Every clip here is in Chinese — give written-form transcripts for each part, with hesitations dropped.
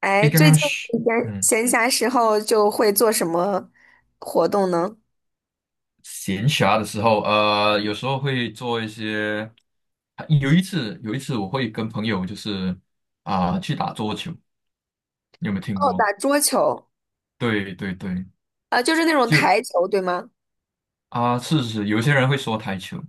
哎，诶，刚最刚近是嗯闲暇时候就会做什么活动呢？闲暇的时候，有时候会做一些。有一次我会跟朋友去打桌球，你有没有听哦，过？打桌球，对对对，啊，就是那种就台球，对吗？是是，有些人会说台球，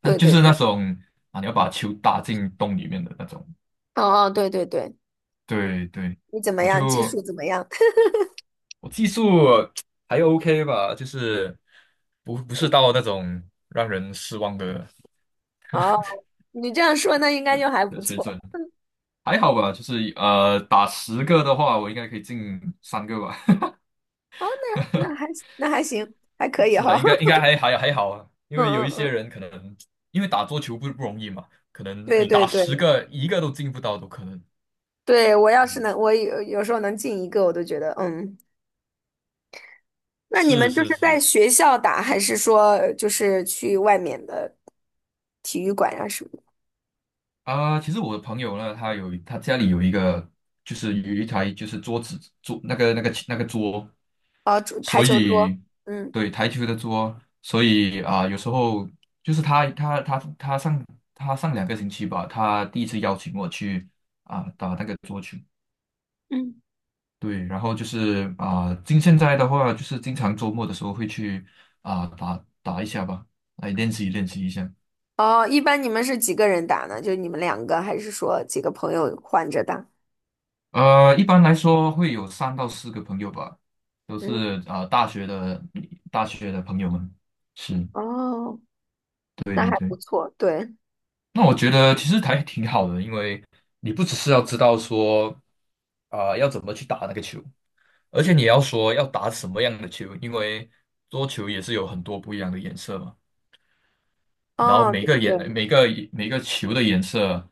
那对就对是那对，种你要把球打进洞里面的那种。哦哦，对对对，对对，你怎么我样？技术就怎么样？我技术还 OK 吧，就是不是到那种让人失望的 哦，你这样说，那应该就还不的水错。准。还好吧，就是打十个的话，我应该可以进三个吧。哦，那那还那还行，还可 以是啊，哈。应该 还好啊，因嗯为有嗯一些嗯，人可能因为打桌球不容易嘛，可能对你对打十对个一个都进不到都可能。对，我要是嗯能，我有时候能进一个，我都觉得嗯。那你是们就是是在是学校打，还是说就是去外面的体育馆啊什么啊，其实我的朋友呢，他家里有一个，就是有一台就是桌子那个桌。哦，桌台所球桌，以嗯，对台球的桌，所以有时候就是他上两个星期吧，他第一次邀请我去打那个桌球，嗯，对，然后就是现在的话，就是经常周末的时候会去打打一下吧，来练习练习一下。哦，一般你们是几个人打呢？就你们两个，还是说几个朋友换着打？一般来说会有3到4个朋友吧，都嗯，是大学的朋友们，是哦，对那对还不对。错，对，那我觉得其实还挺好的，因为你不只是要知道说要怎么去打那个球，而且你也要说要打什么样的球，因为桌球也是有很多不一样的颜色嘛。然后哦，对对，每个球的颜色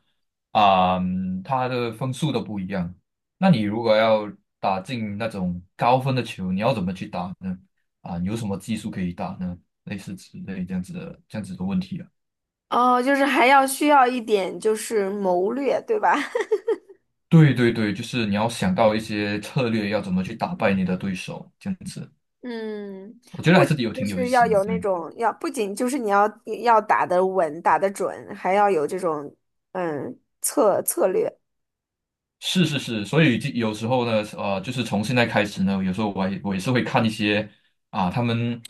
它的分数都不一样。那你如果要打进那种高分的球，你要怎么去打呢？有什么技术可以打呢？类似之类这样子的问题。哦，就是还要需要一点就是谋略，对吧？对对对，就是你要想到一些策略，要怎么去打败你的对手，这样子，嗯，我觉得不还仅是有就挺有意是要思的。有那对，种要，不仅就是你要要打得稳、打得准，还要有这种策略。是是是，所以就有时候呢，就是从现在开始呢，有时候我也是会看一些啊，他们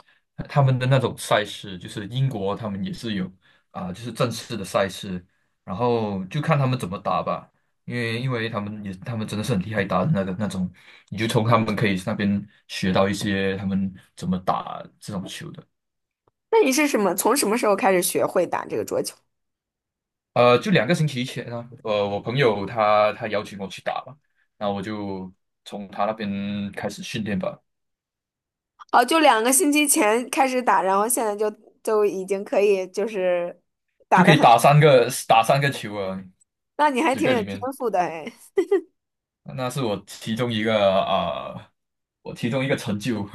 他们的那种赛事，就是英国他们也是有就是正式的赛事，然后就看他们怎么打吧，因为他们真的是很厉害打的那个那种，你就从他们可以那边学到一些他们怎么打这种球的。那你是什么？从什么时候开始学会打这个桌球？就2个星期前啊，我朋友他邀请我去打嘛，那我就从他那边开始训练吧，哦，就两个星期前开始打，然后现在就已经可以就是打就可的以很，打三个球啊，那你还十挺个有里天面，赋的哎。那是我其中一个啊、呃成就。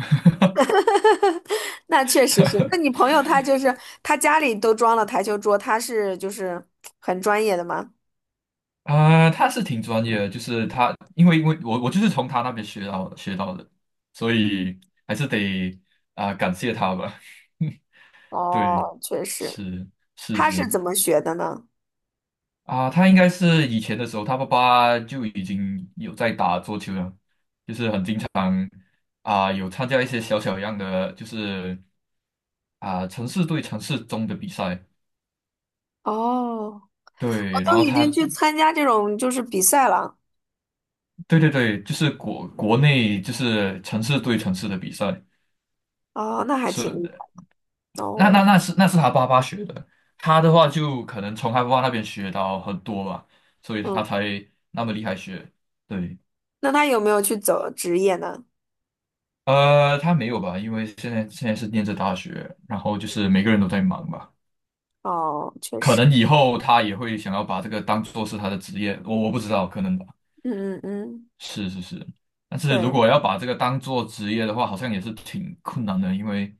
那确实是，那你 朋友他就是他家里都装了台球桌，他是就是很专业的吗？他是挺专业的，就是他，因为我就是从他那边学到的，所以还是得感谢他吧。对，哦，确实，是是他是是，怎么学的呢？他应该是以前的时候，他爸爸就已经有在打桌球了啊，有参加一些小小样的，就是城市对城市中的比赛。哦，我对，然都后已经他，去参加这种就是比赛了。对对对，就是国内就是城市对城市的比赛，哦，那还挺是厉的，害。哦，那是他爸爸学的，他的话就可能从他爸爸那边学到很多吧，所以他嗯，才那么厉害学。对，那他有没有去走职业呢？他没有吧，因为现在是念着大学，然后就是每个人都在忙吧。哦，确可实，能以后他也会想要把这个当做是他的职业，我不知道，可能吧。嗯嗯嗯，是是是，但是如对。果要把这个当做职业的话，好像也是挺困难的，因为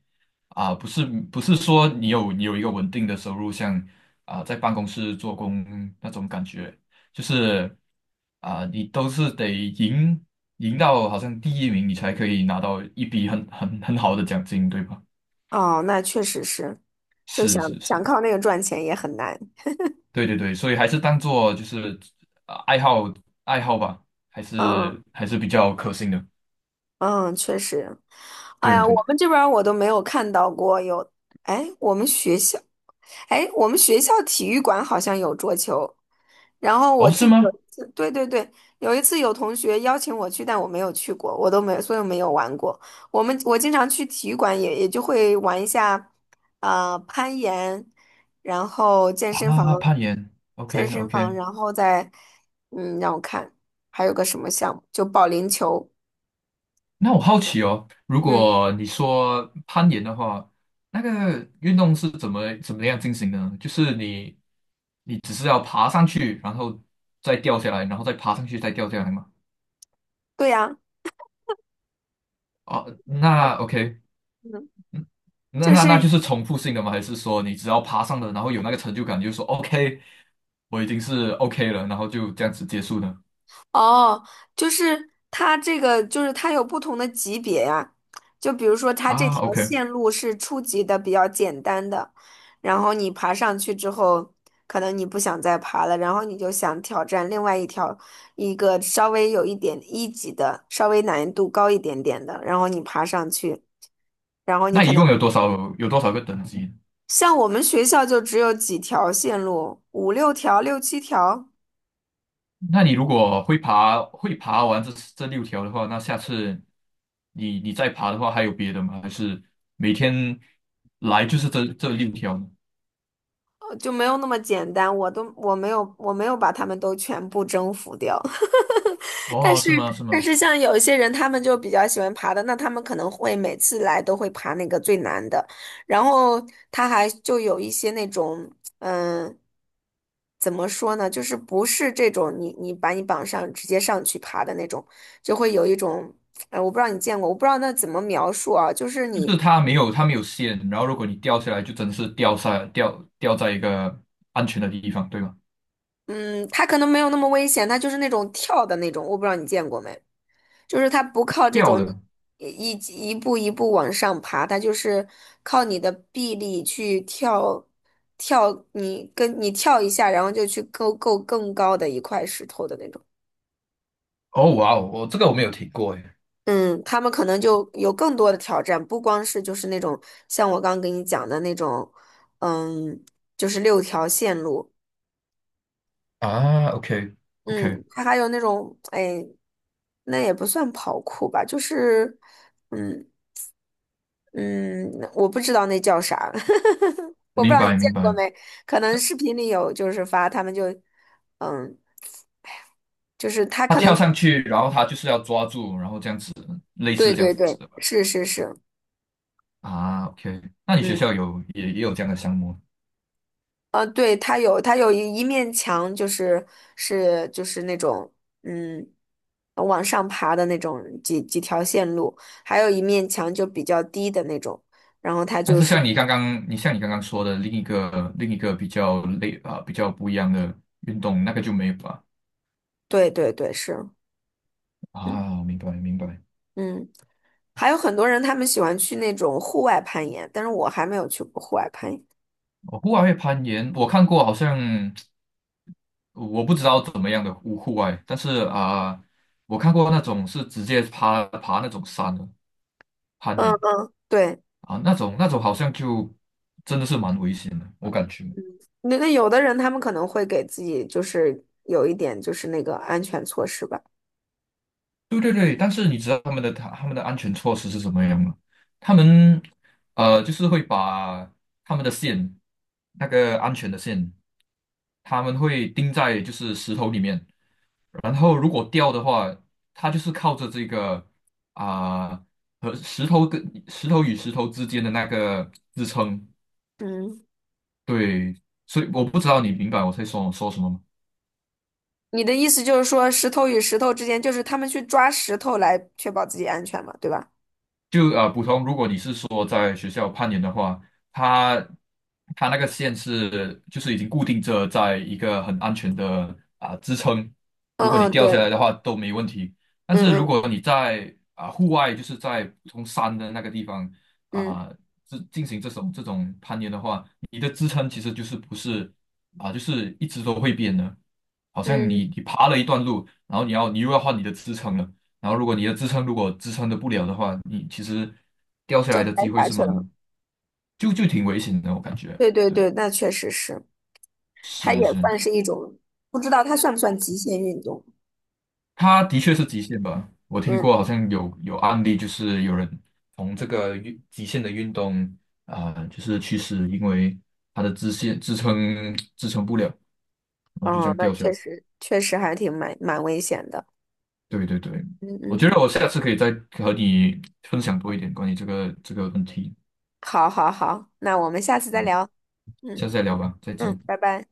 不是说你有一个稳定的收入，像在办公室做工那种感觉，就是你都是赢到好像第一名，你才可以拿到一笔很好的奖金，对吧？哦，那确实是，就是想是想是。靠那个赚钱也很难。对对对，所以还是当做就是呃爱好爱好吧，还嗯是还是比较可信的。嗯，确实。哎对呀，我对对，们这边儿我都没有看到过有，哎，我们学校。哎，我们学校体育馆好像有桌球，然后我哦，是记得有吗？一次对对对，有一次有同学邀请我去，但我没有去过，我都没有，所以我没有玩过。我们我经常去体育馆也就会玩一下，攀岩，然后健身房，攀岩健，OK 身房，OK。然后再，让我看还有个什么项目，就保龄球，那我好奇哦，如嗯，果你说攀岩的话，那个运动是怎么样进行的呢？就是你只是要爬上去，然后再掉下来，然后再爬上去，再掉下来吗？对呀，哦，它那 OK，嗯，嗯那就那那就是。是重复性的吗？还是说你只要爬上了，然后有那个成就感，就说 OK，我已经是 OK 了，然后就这样子结束呢？哦，就是它这个，就是它有不同的级别呀。就比如说，它这条OK，线路是初级的，比较简单的，然后你爬上去之后，可能你不想再爬了，然后你就想挑战另外一条，一个稍微有一点一级的，稍微难度高一点点的，然后你爬上去，然后你那可一能共有多少个等级？像我们学校就只有几条线路，五六条、六七条。那你如果会爬完这六条的话，那下次你再爬的话，还有别的吗？还是每天来就是这六条呢？就没有那么简单，我都我没有我没有把他们都全部征服掉，但哦，是是吗？是但吗？是像有一些人，他们就比较喜欢爬的，那他们可能会每次来都会爬那个最难的，然后他还就有一些那种嗯。怎么说呢？就是不是这种你把你绑上直接上去爬的那种，就会有一种，我不知道你见过，我不知道那怎么描述啊，就是就你，是它没有线，然后如果你掉下来，就真的是掉下掉掉在一个安全的地方，对吗？嗯，他可能没有那么危险，他就是那种跳的那种，我不知道你见过没。就是它不靠这跳种的。一一步一步往上爬，它就是靠你的臂力去跳，你跳一下，然后就去够更高的一块石头的那种。哦，哇哦，我这个我没有听过诶。嗯，他们可能就有更多的挑战，不光是就是那种像我刚刚给你讲的那种，嗯，就是六条线路，OK OK，嗯，它还有那种，哎，那也不算跑酷吧，就是，嗯。嗯，我不知道那叫啥，我不知明道你白见明过白。没？可能视频里有，就是发他们就，嗯，就是他他可跳能，上去，然后他就是要抓住，然后这样子，类对似这样对子对，的吧。是是是，OK，那你学嗯，校也有这样的项目？对，他有一面墙，就是是就是那种，嗯，往上爬的那种几条线路，还有一面墙就比较低的那种，然后他但就是是，像你刚刚，你像你刚刚说的另一个比较比较不一样的运动，那个就没有吧？对对对，是，嗯明白明白。嗯。还有很多人他们喜欢去那种户外攀岩，但是我还没有去过户外攀岩。哦户外会攀岩，我看过，好像我不知道怎么样的户外，但是我看过那种是直接爬那种山的攀嗯岩嗯，对，那种好像就真的是蛮危险的，我感觉。那那有的人他们可能会给自己就是有一点就是那个安全措施吧。对对对，但是你知道他们的安全措施是什么样吗？他们就是会把他们的线，那个安全的线，他们会钉在就是石头里面，然后如果掉的话，它就是靠着这个啊、和石头跟石头与石头之间的那个支撑。嗯，对，所以我不知道你明白我在说说什么吗？你的意思就是说石头与石头之间，就是他们去抓石头来确保自己安全嘛，对吧？普通，如果你是说在学校攀岩的话，它它那个线是就是已经固定着在一个很安全的支撑，如果你嗯嗯，掉下对，来的话都没问题。但嗯是如嗯果你在户外，就是在普通山的那个地方嗯啊、进行这种攀岩的话，你的支撑其实就是不是就是一直都会变的，好像你嗯，你爬了一段路，然后你又要换你的支撑了。然后如果你的支撑支撑的不了的话，你其实掉下就来的摔机会下是去蛮，了。就挺危险的，我感觉。对对对，对，那确实是，它也是是，算是一种，不知道它算不算极限运动。它的确是极限吧。我听嗯。过好像有案例，就是有人从这个极限的运动就是去世，因为他的支撑不了，然后就这哦，样那掉下来。确实还挺蛮危险的。对对对，嗯我嗯，觉得我下次可以再和你分享多一点关于这个问题，好好好，那我们下次再聊。嗯下次再聊吧，再嗯，见。拜拜。